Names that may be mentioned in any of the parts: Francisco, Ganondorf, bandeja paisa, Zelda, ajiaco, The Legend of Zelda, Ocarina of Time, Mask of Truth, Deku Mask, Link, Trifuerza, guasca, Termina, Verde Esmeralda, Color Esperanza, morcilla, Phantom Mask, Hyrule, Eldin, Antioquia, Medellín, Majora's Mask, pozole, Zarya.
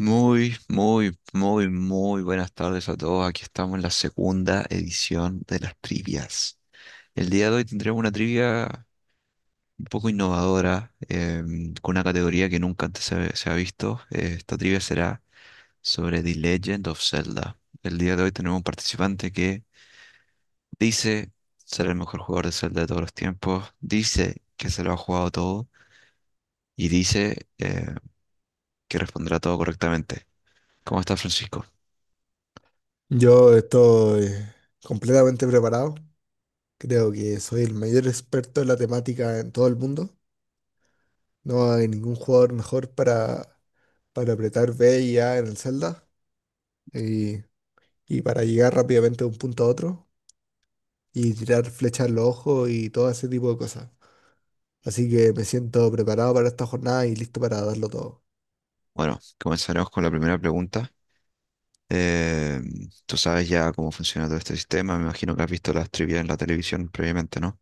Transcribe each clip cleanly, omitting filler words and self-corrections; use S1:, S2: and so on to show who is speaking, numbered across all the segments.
S1: Muy, muy, muy, muy buenas tardes a todos. Aquí estamos en la segunda edición de las trivias. El día de hoy tendremos una trivia un poco innovadora, con una categoría que nunca antes se ha visto. Esta trivia será sobre The Legend of Zelda. El día de hoy tenemos un participante que dice ser el mejor jugador de Zelda de todos los tiempos, dice que se lo ha jugado todo y dice que responderá todo correctamente. ¿Cómo estás, Francisco?
S2: Yo estoy completamente preparado. Creo que soy el mayor experto en la temática en todo el mundo. No hay ningún jugador mejor para apretar B y A en el Zelda y, y para llegar rápidamente de un punto a otro y tirar flechas en los ojos y todo ese tipo de cosas. Así que me siento preparado para esta jornada y listo para darlo todo.
S1: Bueno, comenzaremos con la primera pregunta. Eh, tú sabes ya cómo funciona todo este sistema, me imagino que has visto las trivias en la televisión previamente, ¿no?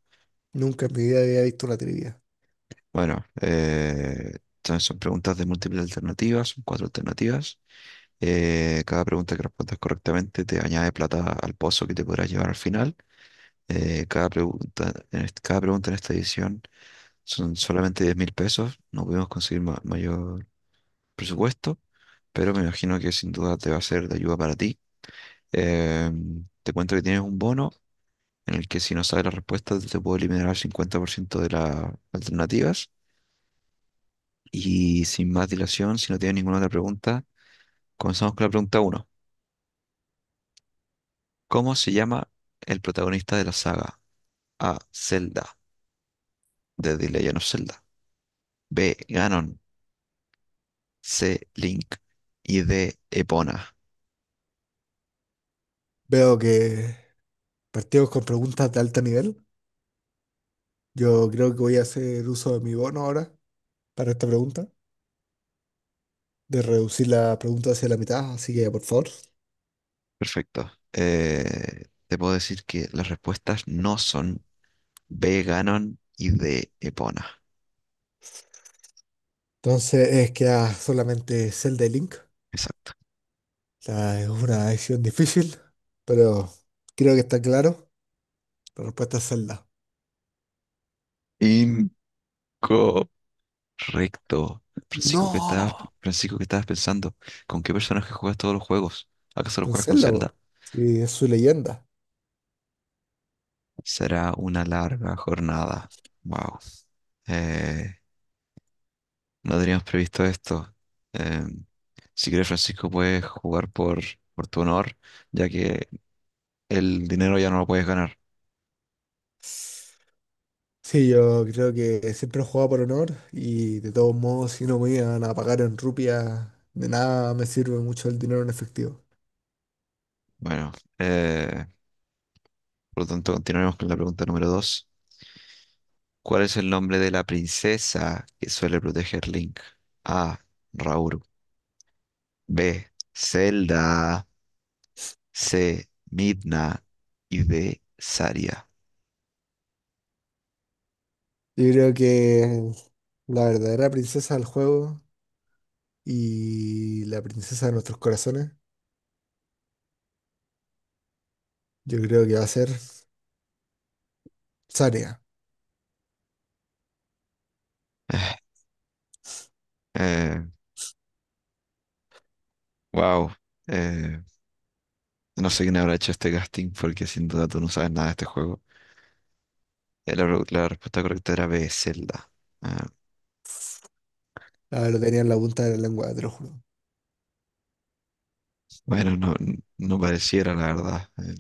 S2: Nunca en mi vida había visto una trivia.
S1: Bueno, entonces son preguntas de múltiples alternativas, son cuatro alternativas. Cada pregunta que respondas correctamente te añade plata al pozo que te podrás llevar al final. Cada pregunta, cada pregunta en esta edición son solamente 10.000 pesos. No pudimos conseguir mayor presupuesto, pero me imagino que sin duda te va a ser de ayuda para ti. Eh, te cuento que tienes un bono en el que si no sabes la respuesta te puedo eliminar al 50% de las alternativas. Y sin más dilación, si no tienes ninguna otra pregunta, comenzamos con la pregunta uno. ¿Cómo se llama el protagonista de la saga? A. Zelda, de The Legend of Zelda. B. Ganon. C. Link. Y D. Epona.
S2: Veo que partimos con preguntas de alto nivel. Yo creo que voy a hacer uso de mi bono ahora para esta pregunta, de reducir la pregunta hacia la mitad, así que por favor.
S1: Perfecto. Te puedo decir que las respuestas no son B. Ganon y D. Epona.
S2: Entonces es queda solamente Zelda y Link. O
S1: Exacto.
S2: sea, es una decisión difícil, pero creo que está claro. La respuesta es Zelda.
S1: Incorrecto. Recto. Francisco, ¿qué estabas,
S2: ¡No!
S1: Francisco, ¿qué estabas pensando? ¿Con qué personaje juegas todos los juegos? ¿Acaso lo
S2: En
S1: juegas con
S2: Zelda, po.
S1: Zelda?
S2: Sí, es su leyenda.
S1: Será una larga jornada. Wow. Eh, no teníamos previsto esto. Em, si quieres, Francisco, puedes jugar por tu honor, ya que el dinero ya no lo puedes ganar.
S2: Sí, yo creo que siempre he jugado por honor y de todos modos, si no me iban a pagar en rupias, de nada me sirve mucho el dinero en efectivo.
S1: Bueno, eh, por lo tanto, continuaremos con la pregunta número dos. ¿Cuál es el nombre de la princesa que suele proteger Link? A. Raúl. B. Zelda. C. Midna. Y D. Saria.
S2: Yo creo que la verdadera princesa del juego y la princesa de nuestros corazones, yo creo que va a ser Zarya.
S1: Eh, wow. Eh, no sé quién habrá hecho este casting porque sin duda tú no sabes nada de este juego. La respuesta correcta era B. Zelda. Ah,
S2: Ah, lo tenía en la punta de la lengua, te lo juro.
S1: bueno, no, no pareciera, la verdad. Eh,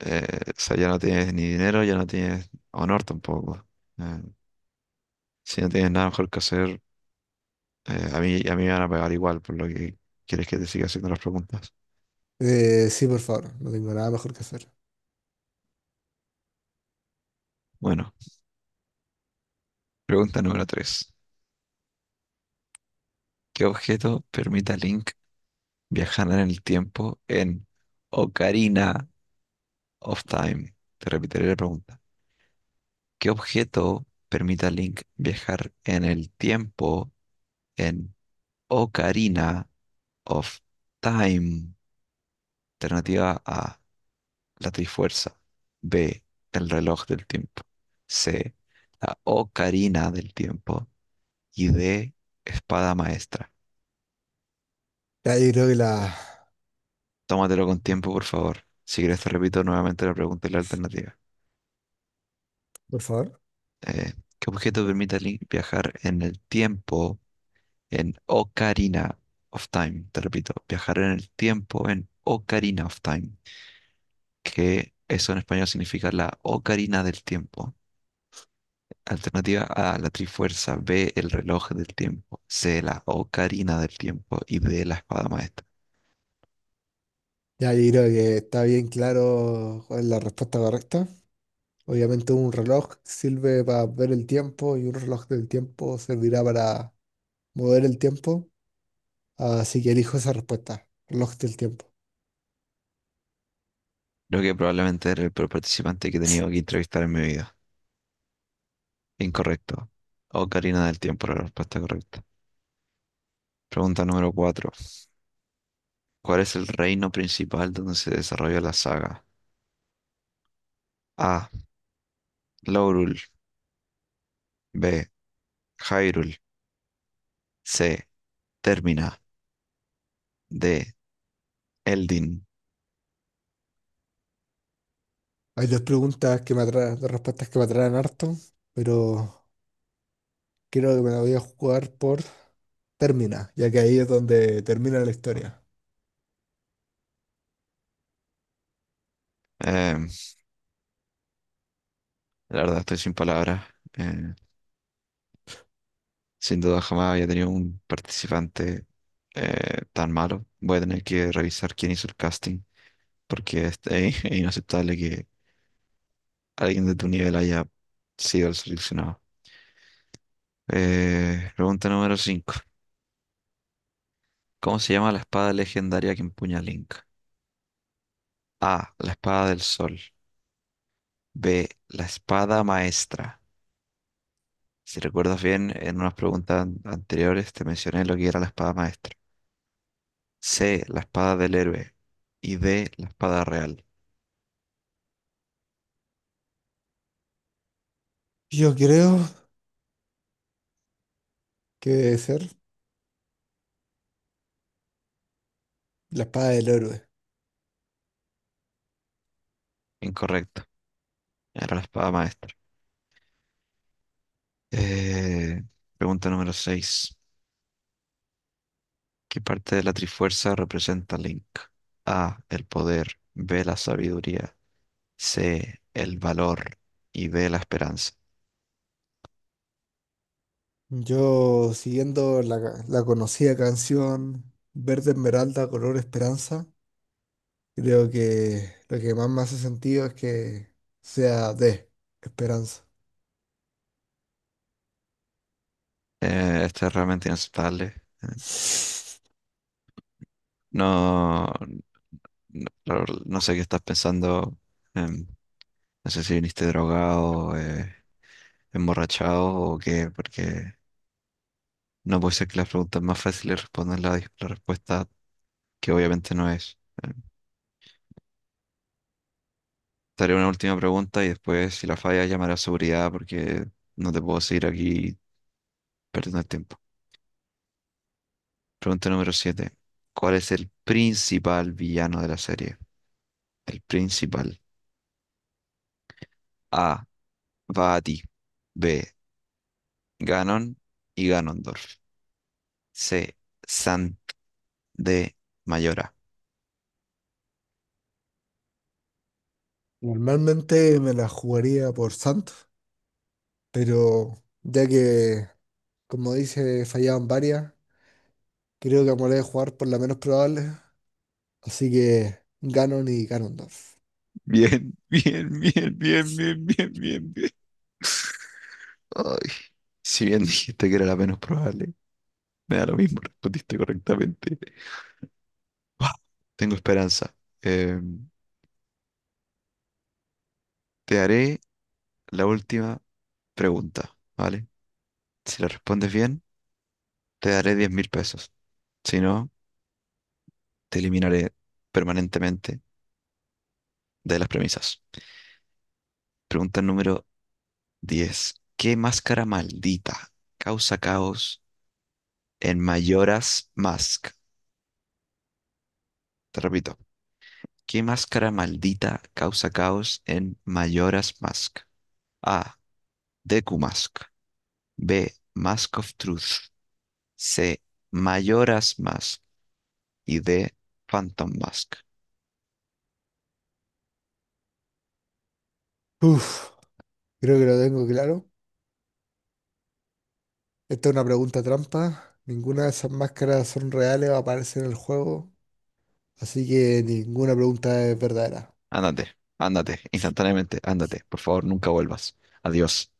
S1: eh, o sea, ya no tienes ni dinero, ya no tienes honor tampoco. Eh, si no tienes nada mejor que hacer, a mí me van a pagar igual por lo que quieres que te siga haciendo las preguntas.
S2: Sí, por favor, no tengo nada mejor que hacer.
S1: Bueno, pregunta número 3. ¿Qué objeto permite a Link viajar en el tiempo en Ocarina of Time? Te repetiré la pregunta. ¿Qué objeto permite a Link viajar en el tiempo en Ocarina of Time? Alternativa A, la Trifuerza. B, el reloj del tiempo. C, la Ocarina del tiempo. Y D, espada maestra.
S2: Ya, yo creo que la...
S1: Tómatelo con tiempo, por favor. Si quieres, te repito nuevamente la pregunta y la alternativa.
S2: Por favor.
S1: Eh, ¿qué objeto permite viajar en el tiempo en Ocarina of Time? Te repito, viajar en el tiempo en Ocarina of Time, que eso en español significa la Ocarina del Tiempo. Alternativa A, la Trifuerza, B, el reloj del tiempo, C, la Ocarina del Tiempo y D, la espada maestra.
S2: Ya, yo creo que está bien claro cuál es la respuesta correcta. Obviamente un reloj sirve para ver el tiempo y un reloj del tiempo servirá para mover el tiempo. Así que elijo esa respuesta, reloj del tiempo.
S1: Creo que probablemente era el peor participante que he tenido que entrevistar en mi vida. Incorrecto. Ocarina del Tiempo, era la respuesta correcta. Pregunta número cuatro. ¿Cuál es el reino principal donde se desarrolla la saga? A. Laurul. B. Hyrule. C. Termina. D. Eldin.
S2: Hay dos preguntas que me atraen, dos respuestas que me atraen harto, pero creo que me la voy a jugar por Termina, ya que ahí es donde termina la historia.
S1: Em, la verdad estoy sin palabras. Eh, sin duda jamás había tenido un participante tan malo. Voy a tener que revisar quién hizo el casting porque es, es inaceptable que alguien de tu nivel haya sido el seleccionado. Pregunta número 5. ¿Cómo se llama la espada legendaria que empuña Link? A. La espada del sol. B, la espada maestra. Si recuerdas bien, en unas preguntas anteriores te mencioné lo que era la espada maestra. C, la espada del héroe. Y D, la espada real.
S2: Yo creo que debe ser la espada del héroe.
S1: Incorrecto, era la espada maestra. Eh, pregunta número 6. ¿Qué parte de la Trifuerza representa Link? A, el poder. B, la sabiduría. C, el valor. Y D, la esperanza.
S2: Yo, siguiendo la, la conocida canción Verde Esmeralda, Color Esperanza, creo que lo que más me hace sentido es que sea de Esperanza.
S1: Este es realmente inaceptable. No, no, la no sé qué estás pensando. em, no sé si viniste drogado, emborrachado o qué, porque no puede ser que las preguntas más fáciles respondan la respuesta que obviamente no es. Em, te haré una última pregunta y después, si la falla, llamaré a seguridad porque no te puedo seguir aquí perdiendo el tiempo. Pregunta número siete. ¿Cuál es el principal villano de la serie? El principal. A. va a ti. B. Ganon y Ganondorf. C. Sant. D. Mayora.
S2: Normalmente me la jugaría por Santos, pero ya que, como dice, fallaban varias, creo que me la voy a jugar por la menos probable, así que Ganon y Ganondorf.
S1: Bien, bien, bien, bien, bien, bien, bien, bien. Ay, si bien dijiste que era la menos probable, me da lo mismo, respondiste correctamente. Ah, tengo esperanza. Eh, te haré la última pregunta, ¿vale? Si la respondes bien, te daré 10.000 pesos. Si no, te eliminaré permanentemente de las premisas. Pregunta número 10. ¿Qué máscara maldita causa caos en Mayoras Mask? Te repito. ¿Qué máscara maldita causa caos en Mayoras Mask? A. Deku Mask. B. Mask of Truth. C. Mayoras Mask. Y D. Phantom Mask.
S2: Uf, creo que lo tengo claro. Esta es una pregunta trampa. Ninguna de esas máscaras son reales o aparecen en el juego. Así que ninguna pregunta es verdadera.
S1: Ándate, ándate, instantáneamente, ándate. Por favor, nunca vuelvas. Adiós.